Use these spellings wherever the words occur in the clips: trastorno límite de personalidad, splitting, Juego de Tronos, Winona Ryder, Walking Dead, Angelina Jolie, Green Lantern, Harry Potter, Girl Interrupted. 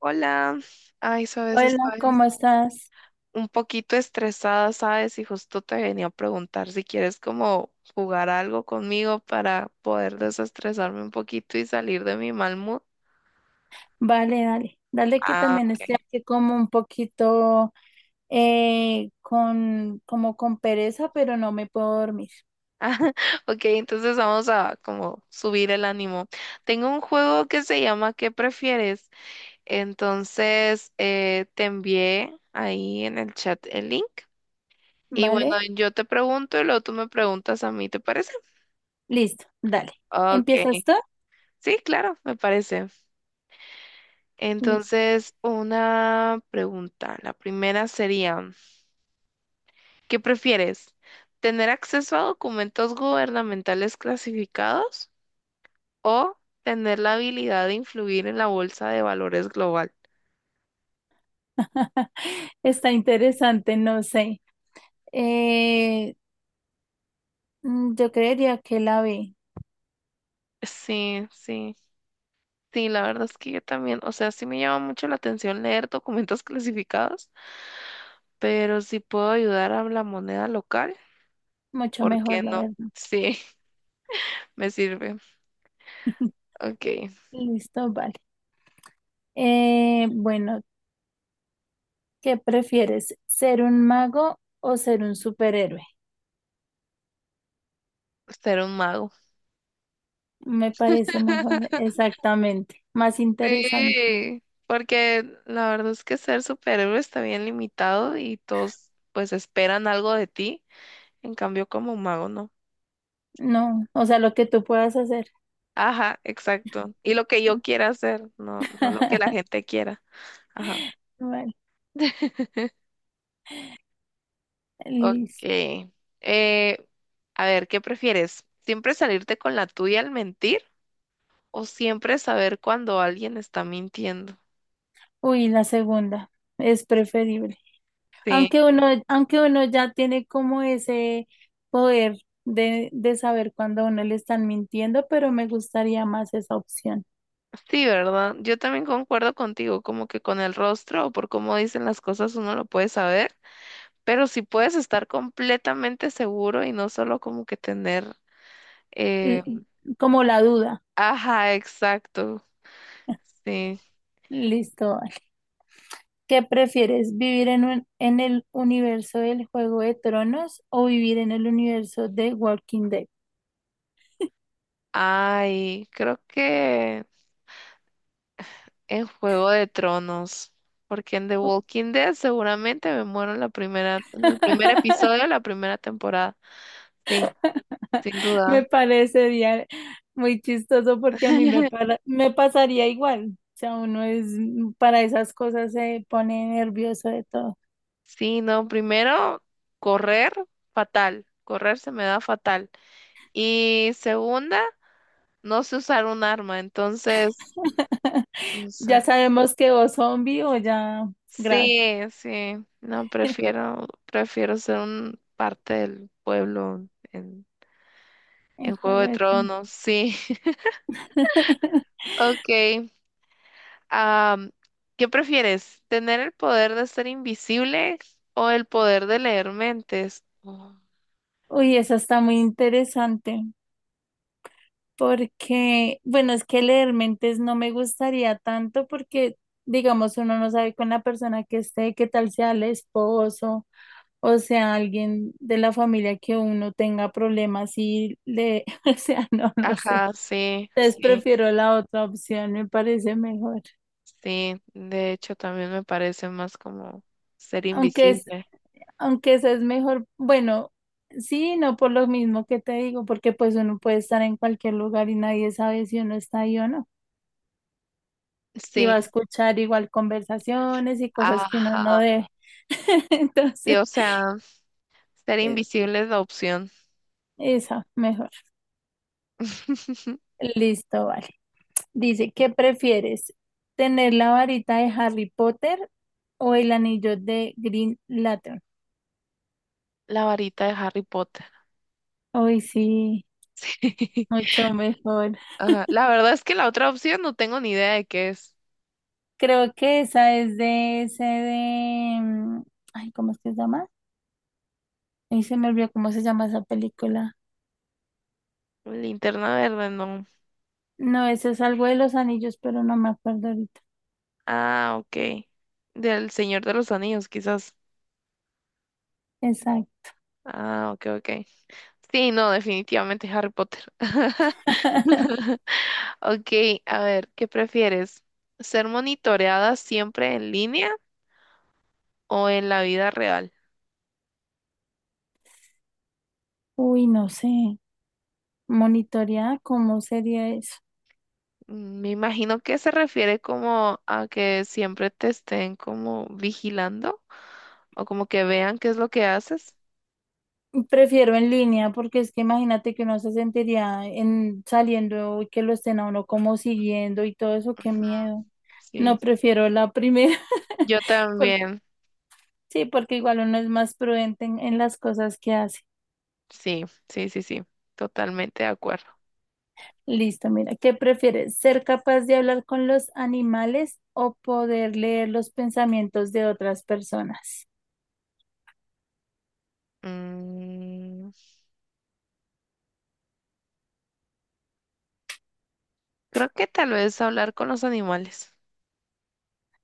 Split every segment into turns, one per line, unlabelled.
Hola, ay, sabes,
Hola,
estoy
¿cómo estás?
un poquito estresada, sabes, y justo te venía a preguntar si quieres como jugar algo conmigo para poder desestresarme un poquito y salir de mi mal mood.
Vale, dale. Dale que
Ah,
también estoy
ok.
aquí como un poquito con, como con pereza, pero no me puedo dormir.
Ok, entonces vamos a como subir el ánimo. Tengo un juego que se llama ¿Qué prefieres? Entonces te envié ahí en el chat el link. Y bueno,
¿Vale?
yo te pregunto y luego tú me preguntas a mí, ¿te parece?
Listo, dale.
Ok.
¿Empiezas tú?
Sí, claro, me parece.
Listo.
Entonces, una pregunta. La primera sería, ¿qué prefieres? ¿Tener acceso a documentos gubernamentales clasificados o tener la habilidad de influir en la bolsa de valores global?
Está interesante, no sé. Eh, yo creería que la ve
Sí, sí, la verdad es que yo también, o sea, sí me llama mucho la atención leer documentos clasificados, pero si puedo ayudar a la moneda local,
mucho
¿por qué
mejor, la
no?
verdad.
Sí, me sirve. Ok,
Listo, vale. Bueno, ¿qué prefieres? ¿Ser un mago o ser un superhéroe?
ser un mago.
Me parece mejor, exactamente, más interesante.
Sí, porque la verdad es que ser superhéroe está bien limitado y todos pues esperan algo de ti, en cambio como mago no.
No, o sea, lo que tú puedas hacer.
Ajá, exacto. Y lo que yo quiera hacer, no, no lo que la gente quiera. Ajá.
Vale,
Ok.
listo.
Eh, a ver, ¿qué prefieres? ¿Siempre salirte con la tuya al mentir o siempre saber cuando alguien está mintiendo?
Uy, la segunda es preferible.
Sí.
Aunque uno ya tiene como ese poder de saber cuando a uno le están mintiendo, pero me gustaría más esa opción.
Sí, ¿verdad? Yo también concuerdo contigo, como que con el rostro o por cómo dicen las cosas uno lo puede saber, pero si puedes estar completamente seguro y no solo como que tener... eh,
L- como la duda.
Ajá, exacto. Sí.
Listo. Vale. ¿Qué prefieres, vivir en en el universo del Juego de Tronos o vivir en el universo de Walking Dead?
Ay, creo que en Juego de Tronos, porque en The Walking Dead seguramente me muero en la primera, en el primer episodio de la primera temporada. Sí, sin duda.
Me parece muy chistoso porque a me pasaría igual. O sea, uno es para esas cosas se pone nervioso de todo.
Sí, no, primero, correr, fatal. Correr se me da fatal. Y segunda, no sé usar un arma, entonces, no
Ya
sé.
sabemos que o zombie o ya grave.
Sí, sí, no, prefiero ser un parte del pueblo
En
en Juego
juego
de Tronos, sí. Ok, am, ¿qué prefieres? ¿Tener el poder de ser invisible o el poder de leer mentes? Oh,
Uy, eso está muy interesante porque, bueno, es que leer mentes no me gustaría tanto porque, digamos, uno no sabe con la persona que esté, qué tal sea el esposo. O sea, alguien de la familia que uno tenga problemas y le, o sea, no, no sé.
ajá, sí,
Entonces
sí.
prefiero la otra opción, me parece mejor.
Sí, de hecho también me parece más como ser
Aunque es,
invisible.
aunque esa es mejor, bueno, sí, no por lo mismo que te digo, porque pues uno puede estar en cualquier lugar y nadie sabe si uno está ahí o no. Y
Sí,
va a escuchar igual conversaciones y cosas que uno no
ajá.
debe.
Sí,
Entonces,
o sea, ser
eh,
invisible es la opción.
esa, mejor. Listo, vale. Dice, ¿qué prefieres? ¿Tener la varita de Harry Potter o el anillo de Green Lantern?
La varita de Harry Potter.
Hoy sí, mucho mejor.
Ajá. La verdad es que la otra opción no tengo ni idea de qué es.
Creo que esa es de ese ay, ¿cómo es que se llama? Ahí se me olvidó cómo se llama esa película.
Linterna verde, no.
No, ese es algo de los anillos, pero no me acuerdo ahorita.
Ah, ok. Del Señor de los Anillos, quizás.
Exacto.
Ah, ok, ok. Sí, no, definitivamente Harry Potter. Ok, a ver, ¿qué prefieres? ¿Ser monitoreada siempre en línea o en la vida real?
Uy, no sé. Monitorear, ¿cómo sería eso?
Mm, me imagino que se refiere como a que siempre te estén como vigilando o como que vean qué es lo que haces.
Prefiero en línea porque es que imagínate que uno se sentiría en saliendo y que lo estén a uno como siguiendo y todo eso, qué
Ujú,
miedo.
sí,
No prefiero la primera.
yo
por-
también.
sí, porque igual uno es más prudente en las cosas que hace.
Sí, sí, sí, sí, totalmente de acuerdo.
Listo, mira, ¿qué prefieres? ¿Ser capaz de hablar con los animales o poder leer los pensamientos de otras personas?
Mm, creo que tal vez hablar con los animales.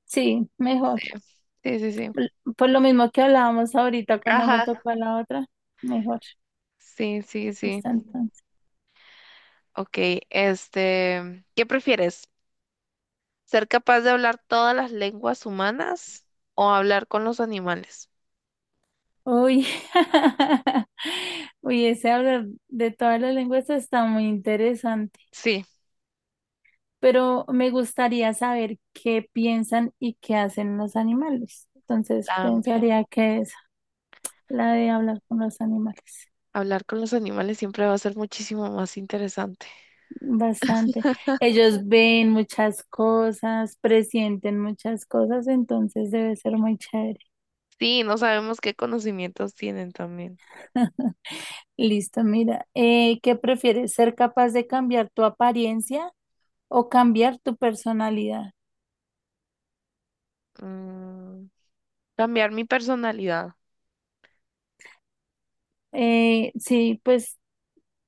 Sí, mejor.
Sí, sí, sí, sí.
Por por lo mismo que hablábamos ahorita cuando me
Ajá.
tocó la otra, mejor.
Sí, sí, sí.
Listo, entonces.
Ok, este, ¿qué prefieres? ¿Ser capaz de hablar todas las lenguas humanas o hablar con los animales?
Uy, uy, ese hablar de todas las lenguas está muy interesante,
Sí,
pero me gustaría saber qué piensan y qué hacen los animales. Entonces
también.
pensaría que es la de hablar con los animales.
Hablar con los animales siempre va a ser muchísimo más interesante.
Bastante. Ellos ven muchas cosas, presienten muchas cosas, entonces debe ser muy chévere.
Sí, no sabemos qué conocimientos tienen también.
Listo, mira, ¿qué prefieres? ¿Ser capaz de cambiar tu apariencia o cambiar tu personalidad?
Mm, cambiar mi personalidad.
Sí, pues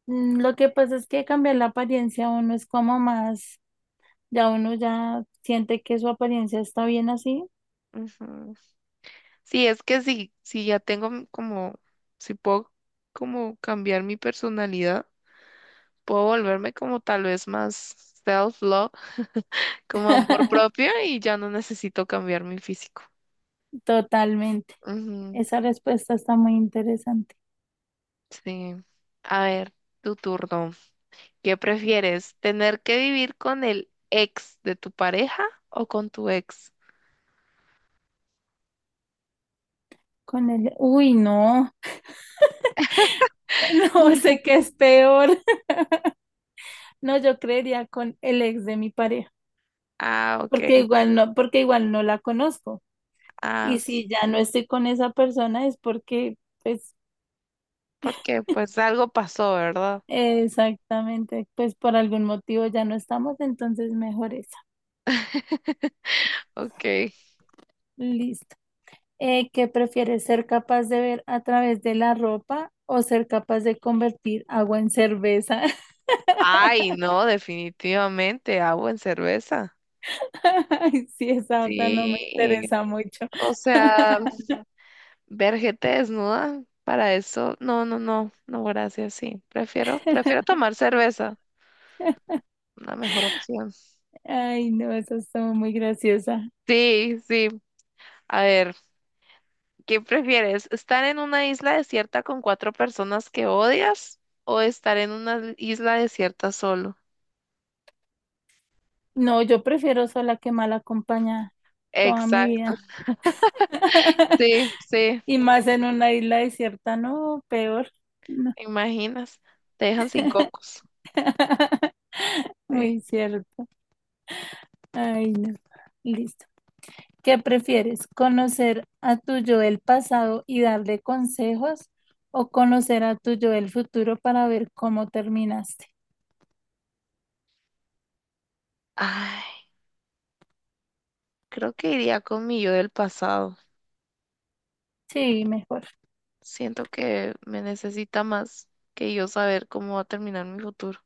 lo que pasa es que cambiar la apariencia uno es como ya uno ya siente que su apariencia está bien así.
Ujú. Sí, es que si ya tengo como, si puedo como cambiar mi personalidad, puedo volverme como tal vez más self-love, como amor propio, y ya no necesito cambiar mi físico.
Totalmente.
Ujú,
Esa respuesta está muy interesante.
sí. A ver, tu turno. ¿Qué prefieres? ¿Tener que vivir con el ex de tu pareja o con tu ex?
Con el, uy, no, no sé qué es peor. No, yo creería con el ex de mi pareja,
Ah, ok.
porque igual no la conozco.
Ah,
Y si ya no estoy con esa persona es porque, pues,
porque pues algo pasó, ¿verdad?
exactamente, pues por algún motivo ya no estamos, entonces mejor es.
Ok.
Listo. ¿Qué prefieres, ser capaz de ver a través de la ropa o ser capaz de convertir agua en cerveza?
Ay, no, definitivamente, agua en cerveza.
Ay, sí, esa otra no me
Sí.
interesa mucho.
O sea. Ver gente desnuda, para eso, no, no, no, no, gracias, sí. Prefiero tomar cerveza, una mejor opción.
Ay, no, esa estuvo muy graciosa.
Sí, sí. A ver, ¿qué prefieres? ¿Estar en una isla desierta con cuatro personas que odias o estar en una isla desierta solo?
No, yo prefiero sola que mal acompañada toda mi
Exacto.
vida.
Sí, sí,
Y más en una isla desierta, no, peor. No.
¿te imaginas? Te dejan sin cocos. Sí.
Muy cierto. Ay, no. Listo. ¿Qué prefieres? ¿Conocer a tu yo del pasado y darle consejos o conocer a tu yo del futuro para ver cómo terminaste?
Ay, creo que iría con mi yo del pasado.
Sí, mejor.
Siento que me necesita más que yo saber cómo va a terminar mi futuro.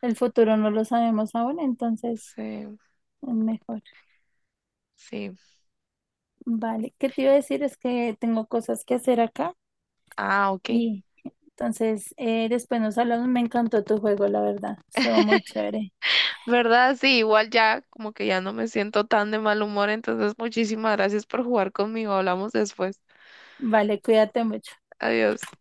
El futuro no lo sabemos aún, entonces
Sí,
es mejor.
sí.
Vale. ¿Qué te iba a decir? Es que tengo cosas que hacer acá
Ah, ok.
y entonces después nos hablamos. Me encantó tu juego, la verdad. Estuvo muy chévere.
¿Verdad? Sí, igual ya como que ya no me siento tan de mal humor, entonces muchísimas gracias por jugar conmigo. Hablamos después.
Vale, cuídate mucho.
Adiós.